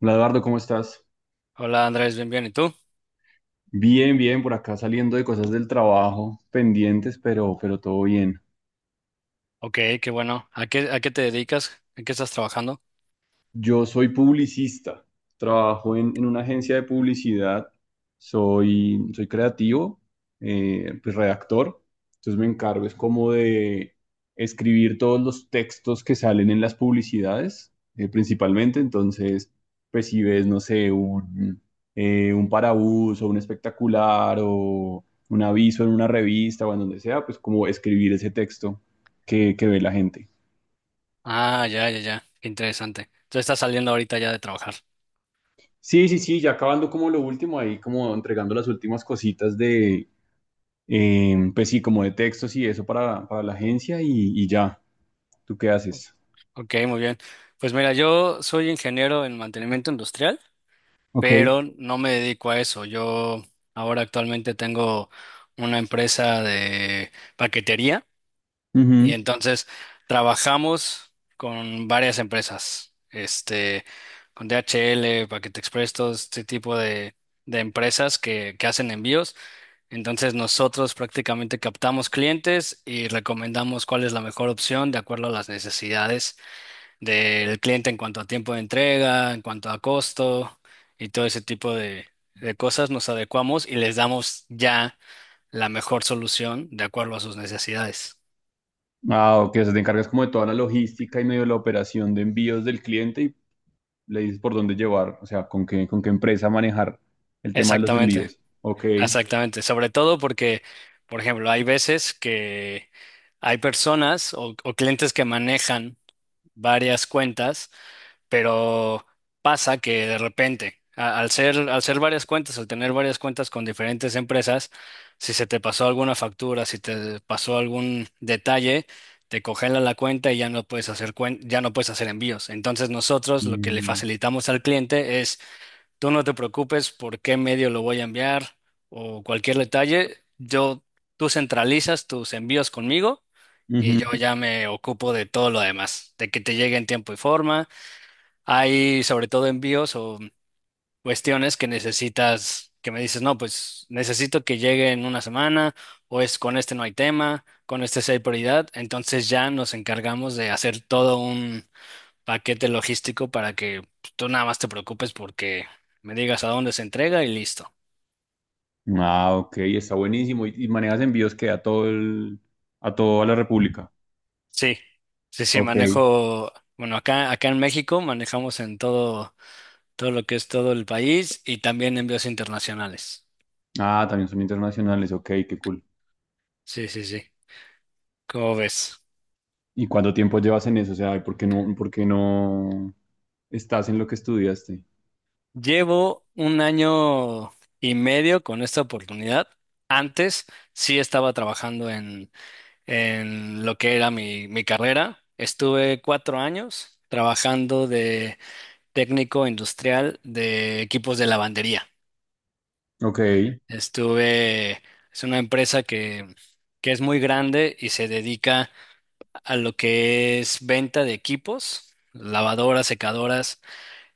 Hola, Eduardo, ¿cómo estás? Hola Andrés, bien, bien. ¿Y tú? Bien, bien, por acá saliendo de cosas del trabajo pendientes, pero todo bien. Ok, qué bueno. A qué te dedicas? ¿En qué estás trabajando? Yo soy publicista, trabajo en una agencia de publicidad, soy creativo, pues redactor, entonces me encargo es como de escribir todos los textos que salen en las publicidades, principalmente, entonces, pues si ves, no sé, un parabús o un espectacular o un aviso en una revista o en donde sea, pues como escribir ese texto que ve la gente. Ah, ya, ya, ya. Qué interesante. Entonces estás saliendo ahorita ya de trabajar. Sí, sí, sí, ya acabando como lo último ahí, como entregando las últimas cositas pues sí, como de textos y eso para la agencia y ya, ¿tú qué haces? Ok, muy bien. Pues mira, yo soy ingeniero en mantenimiento industrial, Ok. pero no me dedico a eso. Yo ahora actualmente tengo una empresa de paquetería. Y Ujú. entonces trabajamos con varias empresas, con DHL, Paquete Express, todo este tipo de empresas que hacen envíos. Entonces nosotros prácticamente captamos clientes y recomendamos cuál es la mejor opción de acuerdo a las necesidades del cliente en cuanto a tiempo de entrega, en cuanto a costo y todo ese tipo de cosas. Nos adecuamos y les damos ya la mejor solución de acuerdo a sus necesidades. Ah, ok, o sea, te encargas como de toda la logística y medio la operación de envíos del cliente y le dices por dónde llevar, o sea, con qué empresa manejar el tema de los Exactamente. envíos. Ok. Exactamente, sobre todo porque, por ejemplo, hay veces que hay personas o clientes que manejan varias cuentas, pero pasa que de repente, al ser varias cuentas, al tener varias cuentas con diferentes empresas, si se te pasó alguna factura, si te pasó algún detalle, te congelan la cuenta y ya no puedes ya no puedes hacer envíos. Entonces nosotros lo que le Mm, facilitamos al cliente es: tú no te preocupes por qué medio lo voy a enviar o cualquier detalle. Yo, tú centralizas tus envíos conmigo y yo ujú. ya me ocupo de todo lo demás, de que te llegue en tiempo y forma. Hay sobre todo envíos o cuestiones que necesitas, que me dices, no, pues necesito que llegue en una semana o es con este no hay tema, con este sí hay prioridad. Entonces ya nos encargamos de hacer todo paquete logístico para que pues, tú nada más te preocupes porque me digas a dónde se entrega y listo. Ah, ok, está buenísimo. Y manejas envíos que a todo el, a toda la República? Sí, sí, sí, Ok. manejo, bueno, acá en México manejamos en todo, todo lo que es todo el país y también envíos internacionales. Ah, también son internacionales, ok, qué cool. Sí, sí, sí. ¿Cómo ves? ¿Y cuánto tiempo llevas en eso? O sea, ¿por qué no estás en lo que estudiaste? Llevo un año y medio con esta oportunidad. Antes sí estaba trabajando en lo que era mi, mi carrera. Estuve cuatro años trabajando de técnico industrial de equipos de lavandería. Ok, Estuve, es una empresa que es muy grande y se dedica a lo que es venta de equipos, lavadoras, secadoras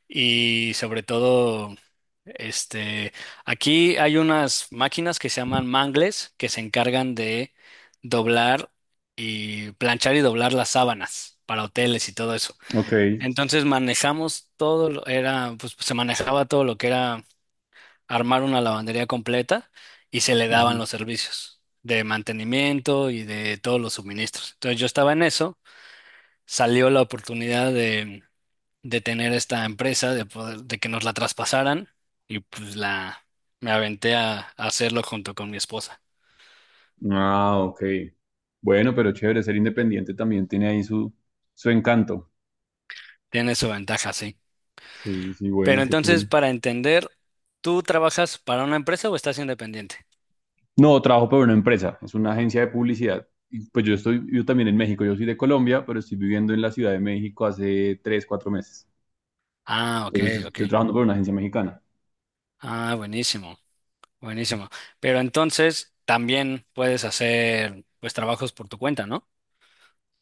y sobre todo, este, aquí hay unas máquinas que se llaman mangles que se encargan de doblar y planchar y doblar las sábanas para hoteles y todo eso. ok. Entonces manejamos todo, era, pues se manejaba todo lo que era armar una lavandería completa y se le daban Ujú. los servicios de mantenimiento y de todos los suministros. Entonces yo estaba en eso, salió la oportunidad de tener esta empresa, de poder, de que nos la traspasaran y pues la me aventé a hacerlo junto con mi esposa. Ah, ok. Bueno, pero chévere, ser independiente también tiene ahí su, su encanto. Tiene su ventaja, sí. Sí, sí, bueno, Pero qué entonces, cool. para entender, ¿tú trabajas para una empresa o estás independiente? No, trabajo para una empresa, es una agencia de publicidad. Y pues yo estoy, yo también en México, yo soy de Colombia, pero estoy viviendo en la Ciudad de México hace tres, cuatro meses. Ah, ok, Entonces ok. estoy trabajando para una agencia mexicana. Ah, buenísimo. Buenísimo. Pero entonces también puedes hacer pues trabajos por tu cuenta, ¿no?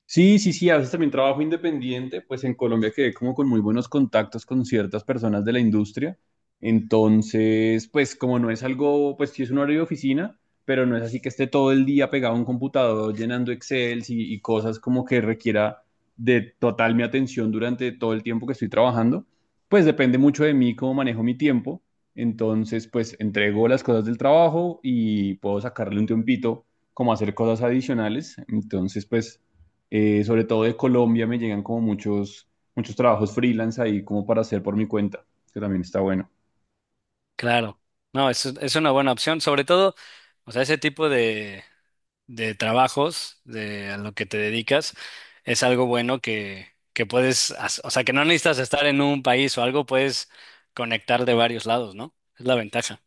Sí, sí, sí, a veces también trabajo independiente, pues en Colombia quedé como con muy buenos contactos con ciertas personas de la industria. Entonces, pues como no es algo, pues sí es un horario de oficina, pero no es así que esté todo el día pegado a un computador llenando Excel y cosas como que requiera de total mi atención durante todo el tiempo que estoy trabajando. Pues depende mucho de mí cómo manejo mi tiempo. Entonces, pues entrego las cosas del trabajo y puedo sacarle un tiempito como hacer cosas adicionales. Entonces, pues... sobre todo de Colombia me llegan como muchos trabajos freelance ahí como para hacer por mi cuenta, que también está bueno. Claro. No, es una buena opción. Sobre todo, o sea, ese tipo de trabajos de a lo que te dedicas es algo bueno que puedes, o sea, que no necesitas estar en un país o algo, puedes conectar de varios lados, ¿no? Es la ventaja.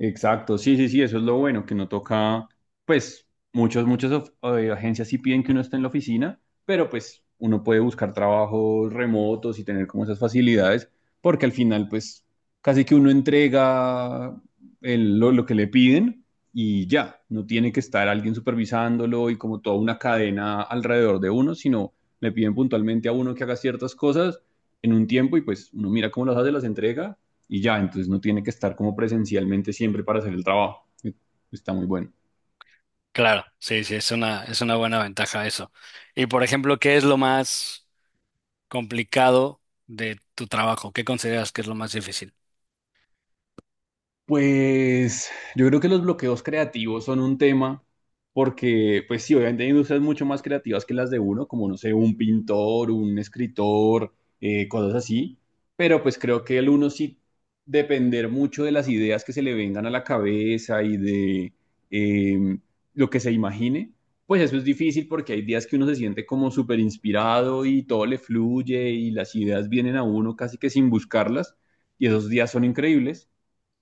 Exacto, sí, sí, sí, eso es lo bueno, que no toca, pues muchas agencias sí piden que uno esté en la oficina, pero pues uno puede buscar trabajos remotos y tener como esas facilidades, porque al final pues casi que uno entrega lo que le piden y ya, no tiene que estar alguien supervisándolo y como toda una cadena alrededor de uno, sino le piden puntualmente a uno que haga ciertas cosas en un tiempo y pues uno mira cómo las hace, las entrega y ya, entonces no tiene que estar como presencialmente siempre para hacer el trabajo. Está muy bueno. Claro, sí, sí, es una buena ventaja eso. Y por ejemplo, ¿qué es lo más complicado de tu trabajo? ¿Qué consideras que es lo más difícil? Pues yo creo que los bloqueos creativos son un tema porque, pues sí, obviamente hay industrias mucho más creativas que las de uno, como, no sé, un pintor, un escritor, cosas así, pero pues creo que el uno sí depender mucho de las ideas que se le vengan a la cabeza y de eh, lo que se imagine, pues eso es difícil porque hay días que uno se siente como súper inspirado y todo le fluye y las ideas vienen a uno casi que sin buscarlas y esos días son increíbles,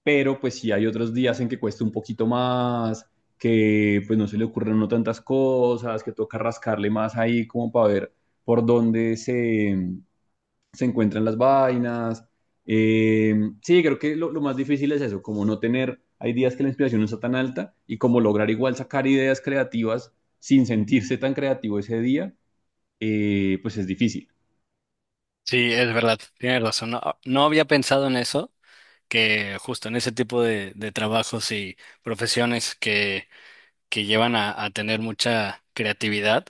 pero pues sí hay otros días en que cuesta un poquito más, que pues no se le ocurren no tantas cosas, que toca rascarle más ahí como para ver por se encuentran las vainas. Eh, sí, creo que más difícil es eso, como no tener, hay días que la inspiración no está tan alta y como lograr igual sacar ideas creativas sin sentirse tan creativo ese día, pues es difícil. Sí, es verdad, tienes razón. No, no había pensado en eso, que justo en ese tipo de trabajos y profesiones que llevan a tener mucha creatividad,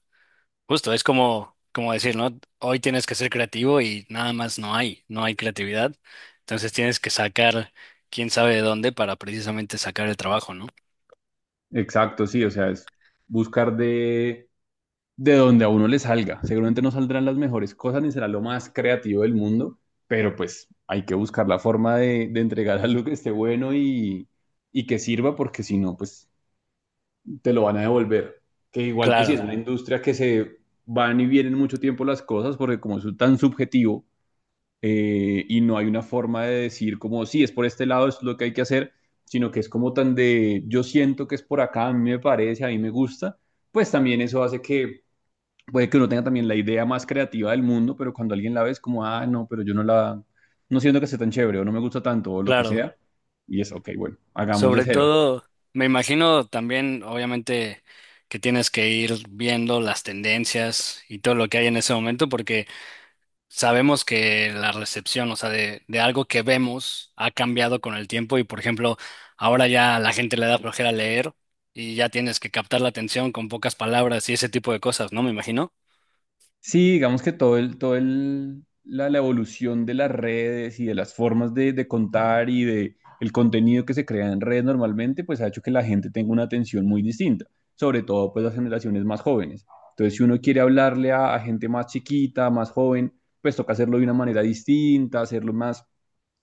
justo es como, como decir, ¿no? Hoy tienes que ser creativo y nada más no hay, no hay creatividad. Entonces tienes que sacar quién sabe de dónde para precisamente sacar el trabajo, ¿no? Exacto, sí, o sea, es buscar de donde a uno le salga. Seguramente no saldrán las mejores cosas ni será lo más creativo del mundo, pero pues hay que buscar la forma de entregar algo que esté bueno y que sirva, porque si no, pues te lo van a devolver. Que igual, pues si es Claro, una Claro. industria que se van y vienen mucho tiempo las cosas, porque como es tan subjetivo, y no hay una forma de decir como, sí, es por este lado, es lo que hay que hacer, sino que es como tan de, yo siento que es por acá, a mí me parece, a mí me gusta, pues también eso hace que puede que uno tenga también la idea más creativa del mundo, pero cuando alguien la ve es como, ah, no, pero yo no la, no siento que sea tan chévere o no me gusta tanto o lo que claro. sea. Y es, ok, bueno, hagamos de Sobre cero. todo, me imagino también, obviamente, que tienes que ir viendo las tendencias y todo lo que hay en ese momento, porque sabemos que la recepción, o sea, de algo que vemos ha cambiado con el tiempo y, por ejemplo, ahora ya a la gente le da flojera leer y ya tienes que captar la atención con pocas palabras y ese tipo de cosas, ¿no? Me imagino. Sí, digamos que la evolución de las redes y de las formas de contar y de el contenido que se crea en red normalmente, pues ha hecho que la gente tenga una atención muy distinta, sobre todo pues las generaciones más jóvenes. Entonces, si uno quiere hablarle a gente más chiquita, más joven, pues toca hacerlo de una manera distinta, hacerlo más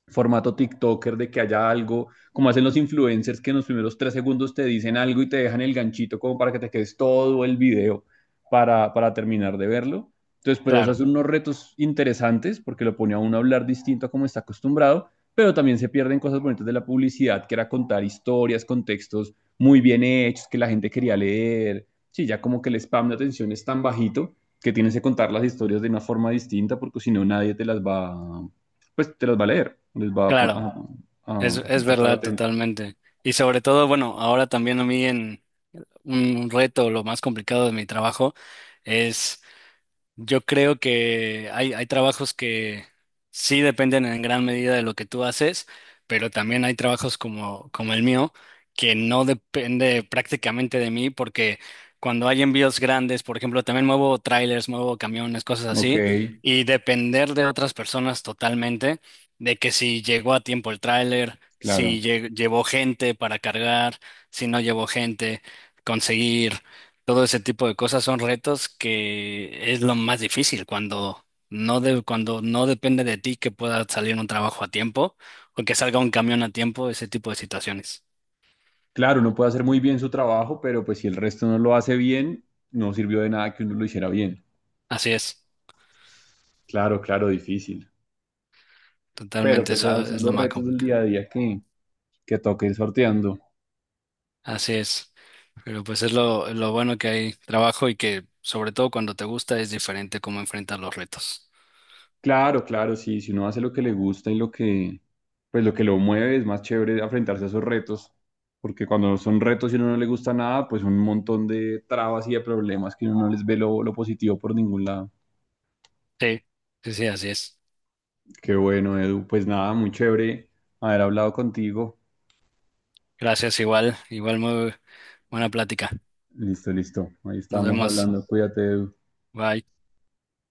formato TikToker de que haya algo, como hacen los influencers que en los primeros tres segundos te dicen algo y te dejan el ganchito como para que te quedes todo el video para terminar de verlo. Entonces, pues eso Claro, hace unos retos interesantes porque lo pone a uno a hablar distinto a como está acostumbrado, pero también se pierden cosas bonitas de la publicidad, que era contar historias, contextos muy bien hechos, que la gente quería leer. Sí, ya como que el spam de atención es tan bajito que tienes que contar las historias de una forma distinta porque si no nadie te las va, pues te las va a leer, les va a, pon- claro, a- a- va es a estar verdad atento. totalmente. Y sobre todo, bueno, ahora también a mí en un reto, lo más complicado de mi trabajo es... Yo creo que hay trabajos que sí dependen en gran medida de lo que tú haces, pero también hay trabajos como, como el mío que no depende prácticamente de mí porque cuando hay envíos grandes, por ejemplo, también muevo trailers, muevo camiones, cosas Ok, así, y depender de otras personas totalmente, de que si llegó a tiempo el tráiler, claro. si llevó gente para cargar, si no llevó gente, conseguir. Todo ese tipo de cosas son retos que es lo más difícil cuando cuando no depende de ti que pueda salir un trabajo a tiempo o que salga un camión a tiempo, ese tipo de situaciones. Claro, uno puede hacer muy bien su trabajo, pero pues si el resto no lo hace bien, no sirvió de nada que uno lo hiciera bien. Así es, Claro, claro, difícil. Pero totalmente, pues nada, eso son es lo los más retos del complicado. día a día que toca ir sorteando. Así es, pero pues es lo bueno que hay trabajo y que sobre todo cuando te gusta es diferente cómo enfrentar los retos. Claro, claro, sí, si uno hace lo que le gusta y lo pues lo que lo mueve, es más chévere enfrentarse a esos retos, porque cuando son retos y a uno no le gusta nada, pues un montón de trabas y de problemas que uno no les ve lo positivo por ningún lado. Sí, sí, sí, así es. Qué bueno, Edu. Pues nada, muy chévere haber hablado contigo. Gracias, igual, igual muy buena plática. Listo, listo. Ahí Nos estamos vemos. hablando. Cuídate, Edu. Bye.